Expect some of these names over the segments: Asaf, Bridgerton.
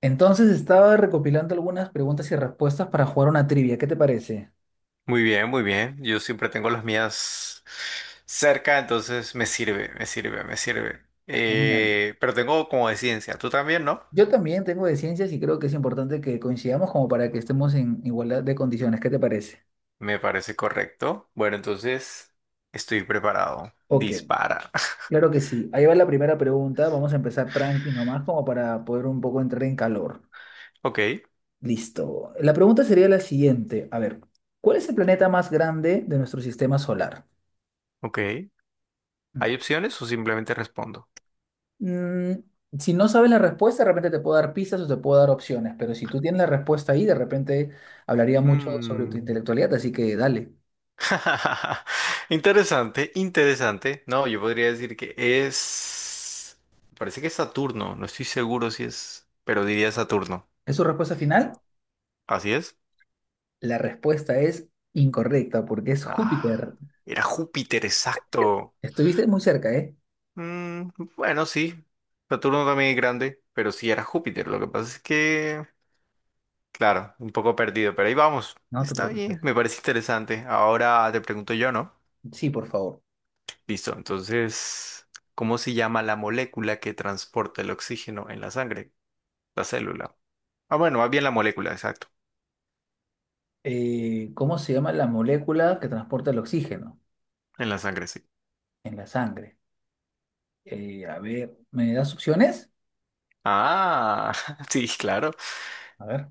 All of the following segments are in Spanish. Entonces estaba recopilando algunas preguntas y respuestas para jugar una trivia. ¿Qué te parece? Muy bien, muy bien. Yo siempre tengo las mías cerca, entonces me sirve. Genial. Pero tengo como de ciencia, tú también, ¿no? Yo también tengo de ciencias y creo que es importante que coincidamos como para que estemos en igualdad de condiciones. ¿Qué te parece? Me parece correcto. Bueno, entonces estoy preparado. Ok, Dispara. claro que sí. Ahí va la primera pregunta. Vamos a empezar tranqui nomás como para poder un poco entrar en calor. Ok, Listo. La pregunta sería la siguiente. A ver, ¿cuál es el planeta más grande de nuestro sistema solar? ok. ¿Hay opciones o simplemente respondo? Mm, si no sabes la respuesta, de repente te puedo dar pistas o te puedo dar opciones, pero si tú tienes la respuesta ahí, de repente hablaría mucho sobre tu Mm. intelectualidad, así que dale. Interesante. No, yo podría decir que es... Parece que es Saturno, no estoy seguro si es, pero diría Saturno. ¿Es su respuesta final? ¿Así es? La respuesta es incorrecta porque es Júpiter. Ah, era Júpiter, exacto. Estuviste muy cerca, ¿eh? Mm, bueno, sí. Saturno también es grande, pero sí era Júpiter. Lo que pasa es que, claro, un poco perdido, pero ahí vamos. No te Está preocupes. bien, me parece interesante. Ahora te pregunto yo, ¿no? Sí, por favor. Listo, entonces, ¿cómo se llama la molécula que transporta el oxígeno en la sangre? La célula. Ah, bueno, más bien la molécula, exacto. ¿Cómo se llama la molécula que transporta el oxígeno En la sangre, sí. en la sangre? A ver, ¿me das opciones? Ah, sí, claro. A ver,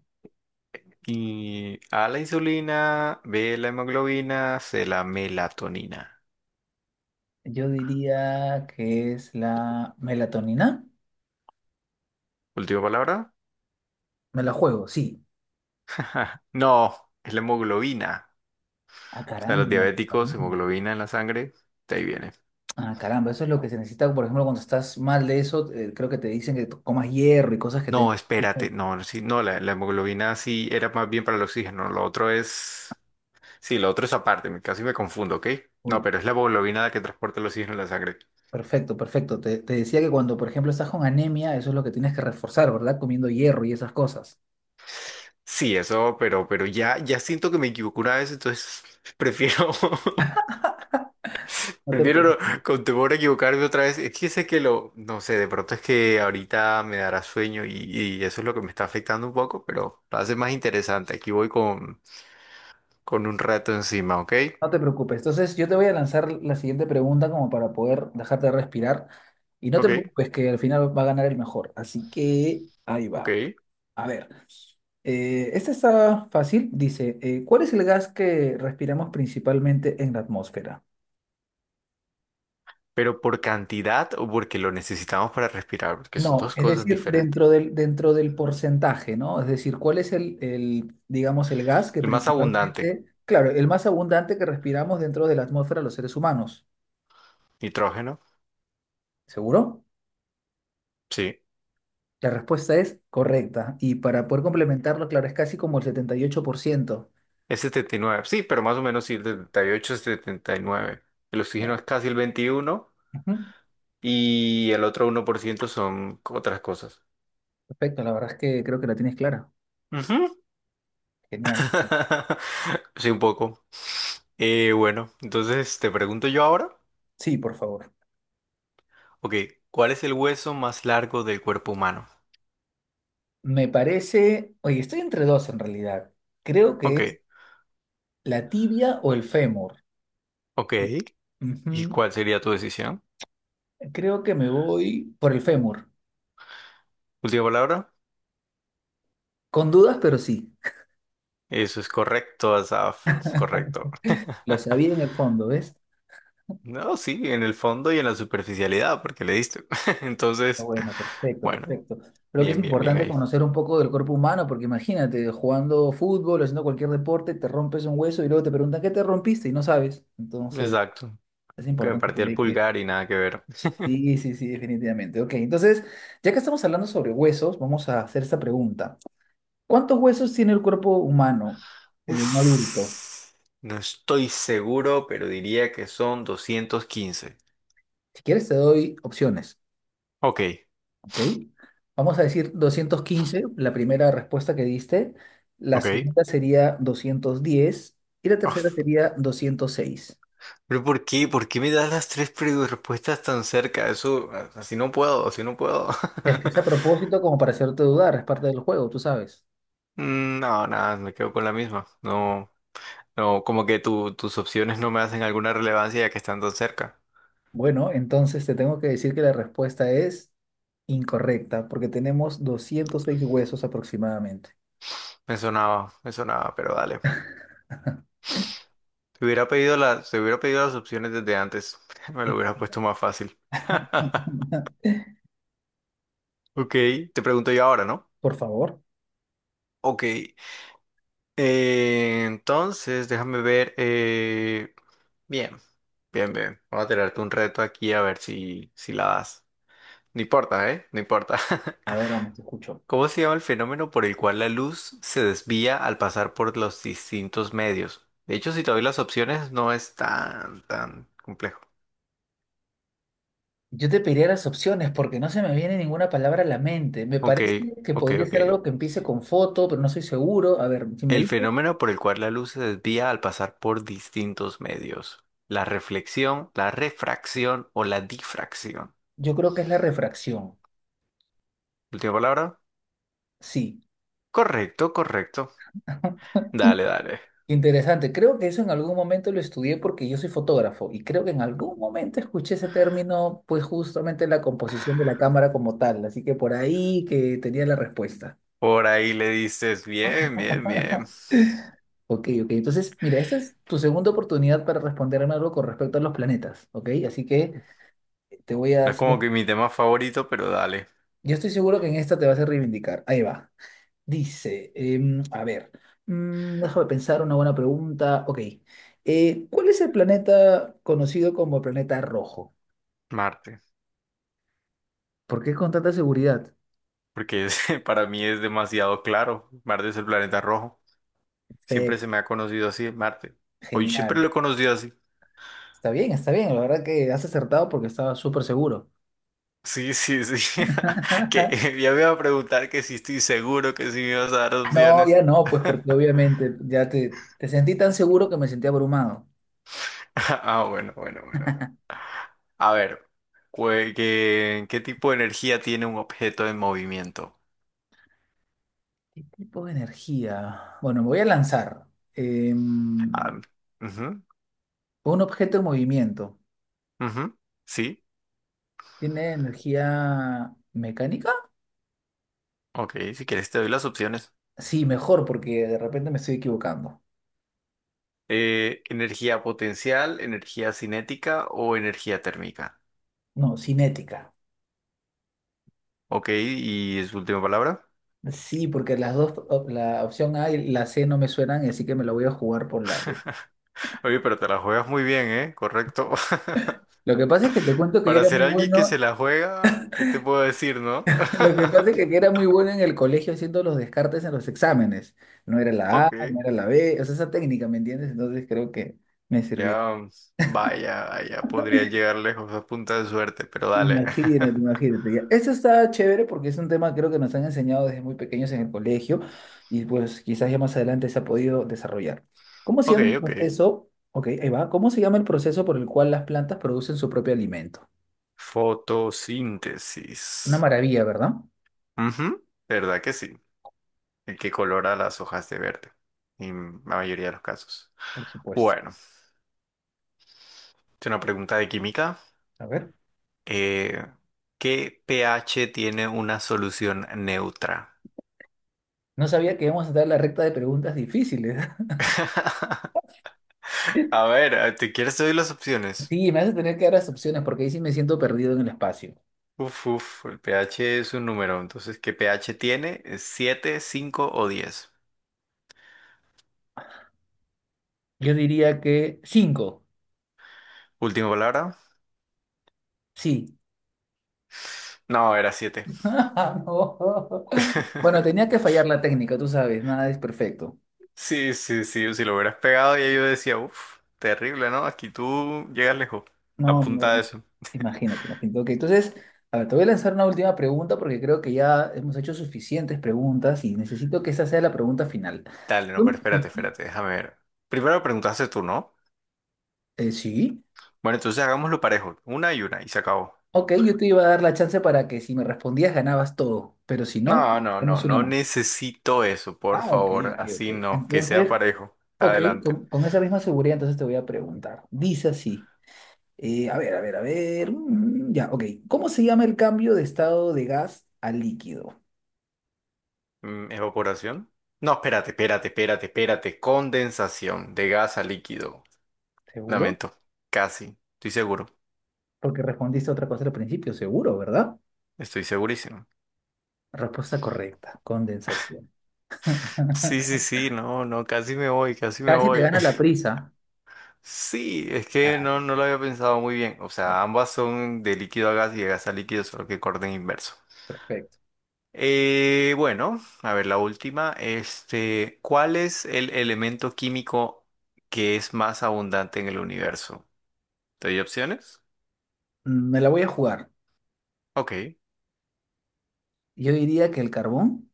Y A la insulina, B la hemoglobina, C la melatonina. yo diría que es la melatonina. Última palabra. Me la juego, sí. No, es la hemoglobina. Ah, O sea, los caramba, la diabéticos, vitamina. hemoglobina en la sangre, de ahí viene. Ah, caramba, eso es lo que se necesita, por ejemplo, cuando estás mal de eso, creo que te dicen que comas hierro y cosas que te... No, espérate, no, sí, no, la hemoglobina sí era más bien para el oxígeno, lo otro es... Sí, lo otro es aparte, casi me confundo, ¿ok? No, Uy, pero es la hemoglobina la que transporta el oxígeno en la sangre. perfecto, perfecto. Te decía que cuando, por ejemplo, estás con anemia, eso es lo que tienes que reforzar, ¿verdad? Comiendo hierro y esas cosas. Sí, eso, pero ya siento que me equivoco una vez, entonces prefiero No te, Prefiero pre- no- con temor a equivocarme otra vez. Es que sé que lo, no sé, de pronto es que ahorita me dará sueño y eso es lo que me está afectando un poco, pero lo hace más interesante. Aquí voy con un rato encima, ¿ok? no te preocupes. Entonces, yo te voy a lanzar la siguiente pregunta como para poder dejarte respirar. Y no te Ok, preocupes que al final va a ganar el mejor. Así que ahí ok. va. A ver. Esta está fácil. Dice, ¿cuál es el gas que respiramos principalmente en la atmósfera? Pero por cantidad o porque lo necesitamos para respirar, porque son No, dos es cosas decir, diferentes. dentro del porcentaje, ¿no? Es decir, ¿cuál es digamos, el gas que El más abundante, principalmente, claro, el más abundante que respiramos dentro de la atmósfera los seres humanos? nitrógeno, ¿Seguro? sí, La respuesta es correcta. Y para poder complementarlo, claro, es casi como el 78%. es 79 sí, pero más o menos sí, 78 79. El Ya. oxígeno es casi el 21 Ujú. y el otro 1% son otras cosas. Perfecto, la verdad es que creo que la tienes clara. Ujú. Genial. Sí, un poco. Bueno, entonces te pregunto yo ahora. Sí, por favor. Ok, ¿cuál es el hueso más largo del cuerpo humano? Me parece, oye, estoy entre dos en realidad. Creo que Ok, es la tibia o el fémur. ok. ¿Y Ujú. cuál sería tu decisión? Creo que me voy por el fémur. Última palabra. Con dudas, pero sí. Eso es correcto, Asaf. Correcto. Lo sabía en el fondo, ¿ves? No, sí, en el fondo y en la superficialidad, porque le diste. Ah, Entonces, bueno, perfecto, bueno, perfecto. Creo que es bien importante ahí. conocer un poco del cuerpo humano, porque imagínate, jugando fútbol, o haciendo cualquier deporte, te rompes un hueso y luego te preguntan, ¿qué te rompiste? Y no sabes. Entonces, Exacto. es Que me importante partí por el ahí que... pulgar y nada que ver. Sí, sí, sí, definitivamente. Ok, entonces, ya que estamos hablando sobre huesos, vamos a hacer esta pregunta. ¿Cuántos huesos tiene el cuerpo humano de un adulto? Uf, no estoy seguro, pero diría que son 215. Si quieres, te doy opciones, Ok, ¿ok? Vamos a decir 215, la primera respuesta que diste. La ok. segunda sería 210 y la tercera Uf. sería 206. Pero ¿por qué? ¿Por qué me das las tres respuestas tan cerca? Eso, así no puedo, así no puedo. Es que es a propósito como para hacerte dudar, es parte del juego, tú sabes. No, nada, me quedo con la misma. No, no, como que tus opciones no me hacen alguna relevancia ya que están tan cerca. Bueno, entonces te tengo que decir que la respuesta es incorrecta, porque tenemos 206 huesos aproximadamente. Me sonaba, pero dale. Te hubiera pedido las opciones desde antes. Me lo hubiera Imagínate. puesto más fácil. Ok, te pregunto yo ahora, ¿no? Por favor, Ok, entonces déjame ver. Bien, bien. Voy a tirarte un reto aquí a ver si la das. No importa, ¿eh? No importa. a ver, vamos, te escucho. ¿Cómo se llama el fenómeno por el cual la luz se desvía al pasar por los distintos medios? De hecho, si te doy las opciones, no es tan complejo. Yo te pediría las opciones porque no se me viene ninguna palabra a la mente. Me Ok, parece que ok, podría ok. ser algo que empiece con foto, pero no soy seguro. A ver, si me El dices, fenómeno por el cual la luz se desvía al pasar por distintos medios. La reflexión, la refracción o la difracción. yo creo que es la refracción. Última palabra. Sí, Correcto. Dale. interesante. Creo que eso en algún momento lo estudié porque yo soy fotógrafo y creo que en algún momento escuché ese término, pues justamente en la composición de la cámara como tal. Así que por ahí que tenía la respuesta. Por ahí le dices, bien. Ok, ok. Entonces, mira, esta es tu segunda oportunidad para responderme algo con respecto a los planetas, ¿ok? Así que te voy a No es hacer... como que mi tema favorito, pero dale, Yo estoy seguro que en esta te vas a reivindicar. Ahí va. Dice, a ver, déjame pensar una buena pregunta. Ok, ¿cuál es el planeta conocido como planeta rojo? Marte. ¿Por qué con tanta seguridad? Para mí es demasiado claro. Marte es el planeta rojo. Fe, Siempre se me ha conocido así, Marte. Hoy siempre genial. lo he conocido así. Está bien, está bien. La verdad que has acertado porque estaba súper seguro. Sí, sí, sí. Que ya me iba a preguntar que si estoy seguro que si me ibas a dar No, opciones. ya no, pues porque obviamente ya te sentí tan seguro que me sentí abrumado. Ah, bueno. A ver, ¿ qué tipo de energía tiene un objeto en movimiento? ¿Qué tipo de energía? Bueno, me voy a lanzar. Em, Ah, ujú, un objeto en movimiento. ujú, Sí, ¿Tiene energía mecánica? ok, si quieres te doy las opciones. Sí, mejor porque de repente me estoy equivocando. Energía potencial, energía cinética o energía térmica. No, cinética. Ok, y es última palabra. Sí, porque las dos, la opción A y la C no me suenan, así que me la voy a jugar por la B. Oye, pero te la juegas muy bien, ¿eh? Correcto. Lo que pasa es que te cuento que yo Para era ser muy alguien que bueno, se la juega, ¿qué te puedo decir, no? lo que pasa es que era muy bueno en el colegio haciendo los descartes en los exámenes. No era la A, Ok, no era la B, o sea, esa técnica, ¿me entiendes? Entonces creo que me sirvió. ya, vaya, podría llegar lejos a punta de suerte, pero dale. Imagínate, imagínate. Ya. Eso está chévere porque es un tema creo que nos han enseñado desde muy pequeños en el colegio y pues quizás ya más adelante se ha podido desarrollar. ¿Cómo se Ok, llama el ok. proceso? Ok, ahí va. ¿Cómo se llama el proceso por el cual las plantas producen su propio alimento? Una Fotosíntesis. maravilla, ¿verdad? Ujú, ¿Verdad que sí? El que colora las hojas de verde, en la mayoría de los casos. Por supuesto. Bueno, es una pregunta de química. A ver. Eh, ¿Qué pH tiene una solución neutra? No sabía que íbamos a dar la recta de preguntas difíciles. A ver, ¿te quieres te doy las opciones? Sí, me hace tener que dar las opciones porque ahí sí me siento perdido en el espacio. El pH es un número, entonces, ¿qué pH tiene? ¿Es siete, 5 o diez? Yo diría que cinco. Última palabra. Sí. No, era 7. No. Bueno, tenía que fallar la técnica, tú sabes, nada es perfecto. Sí, sí, sí, si lo hubieras pegado ya yo decía, uff, terrible, ¿no? Aquí tú llegas lejos. No, no, Apunta a no. eso. Imagínate, imagínate. Ok, entonces, a ver, te voy a lanzar una última pregunta porque creo que ya hemos hecho suficientes preguntas y necesito que esa sea la pregunta final. Si Dale, no, pero tú- si espérate, tú- espérate, déjame ver. Primero preguntaste tú, ¿no? Sí, Bueno, entonces hagámoslo parejo, una, y se acabó. ok, yo te iba a dar la chance para que si me respondías ganabas todo, pero si no, No, no, no, tenemos una no más. necesito eso, por Ah, ok, favor, ok, ok. así no, que sea Entonces, parejo. ok, Adelante. Con esa misma seguridad entonces te voy a preguntar. Dice así. A ver, a ver, a ver. Ya, ok. ¿Cómo se llama el cambio de estado de gas a líquido? ¿Evaporación? No, espérate. Condensación de gas a líquido. ¿Seguro? Lamento, casi, estoy seguro, Porque respondiste otra cosa al principio, seguro, ¿verdad? estoy segurísimo. Respuesta correcta, condensación. Sí, sí, sí, no, no, casi me voy, casi me Casi te voy. gana la prisa. Sí, es que no, Ah, no lo había pensado muy bien. O no, sea, ambas son de líquido a gas y de gas a líquido, solo que orden inverso. perfecto. Bueno, a ver, la última. Este, ¿cuál es el elemento químico que es más abundante en el universo? ¿Te doy opciones? Me la voy a jugar. Ok. Yo diría que el carbón,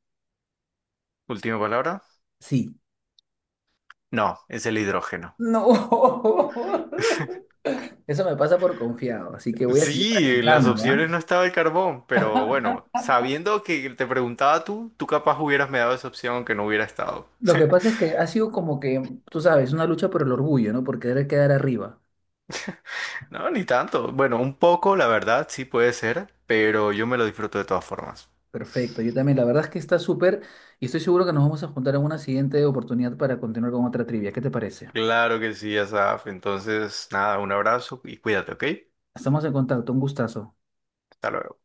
Última palabra. sí. No, es el hidrógeno. No. Eso me pasa por confiado, así que voy a seguir Sí, en las practicando, ¿ah? opciones no estaba el carbón, pero bueno, sabiendo que te preguntaba tú, tú capaz hubieras me dado esa opción aunque no hubiera estado. Lo que pasa es que ha sido como que, tú sabes, una lucha por el orgullo, ¿no? Por querer quedar arriba. No, ni tanto. Bueno, un poco, la verdad, sí puede ser, pero yo me lo disfruto de todas formas. Perfecto, yo también. La verdad es que está súper y estoy seguro que nos vamos a juntar en una siguiente oportunidad para continuar con otra trivia. ¿Qué te parece? Claro que sí, Asaf. Entonces, nada, un abrazo y cuídate, ¿ok? Estamos en contacto, un gustazo. Hasta luego.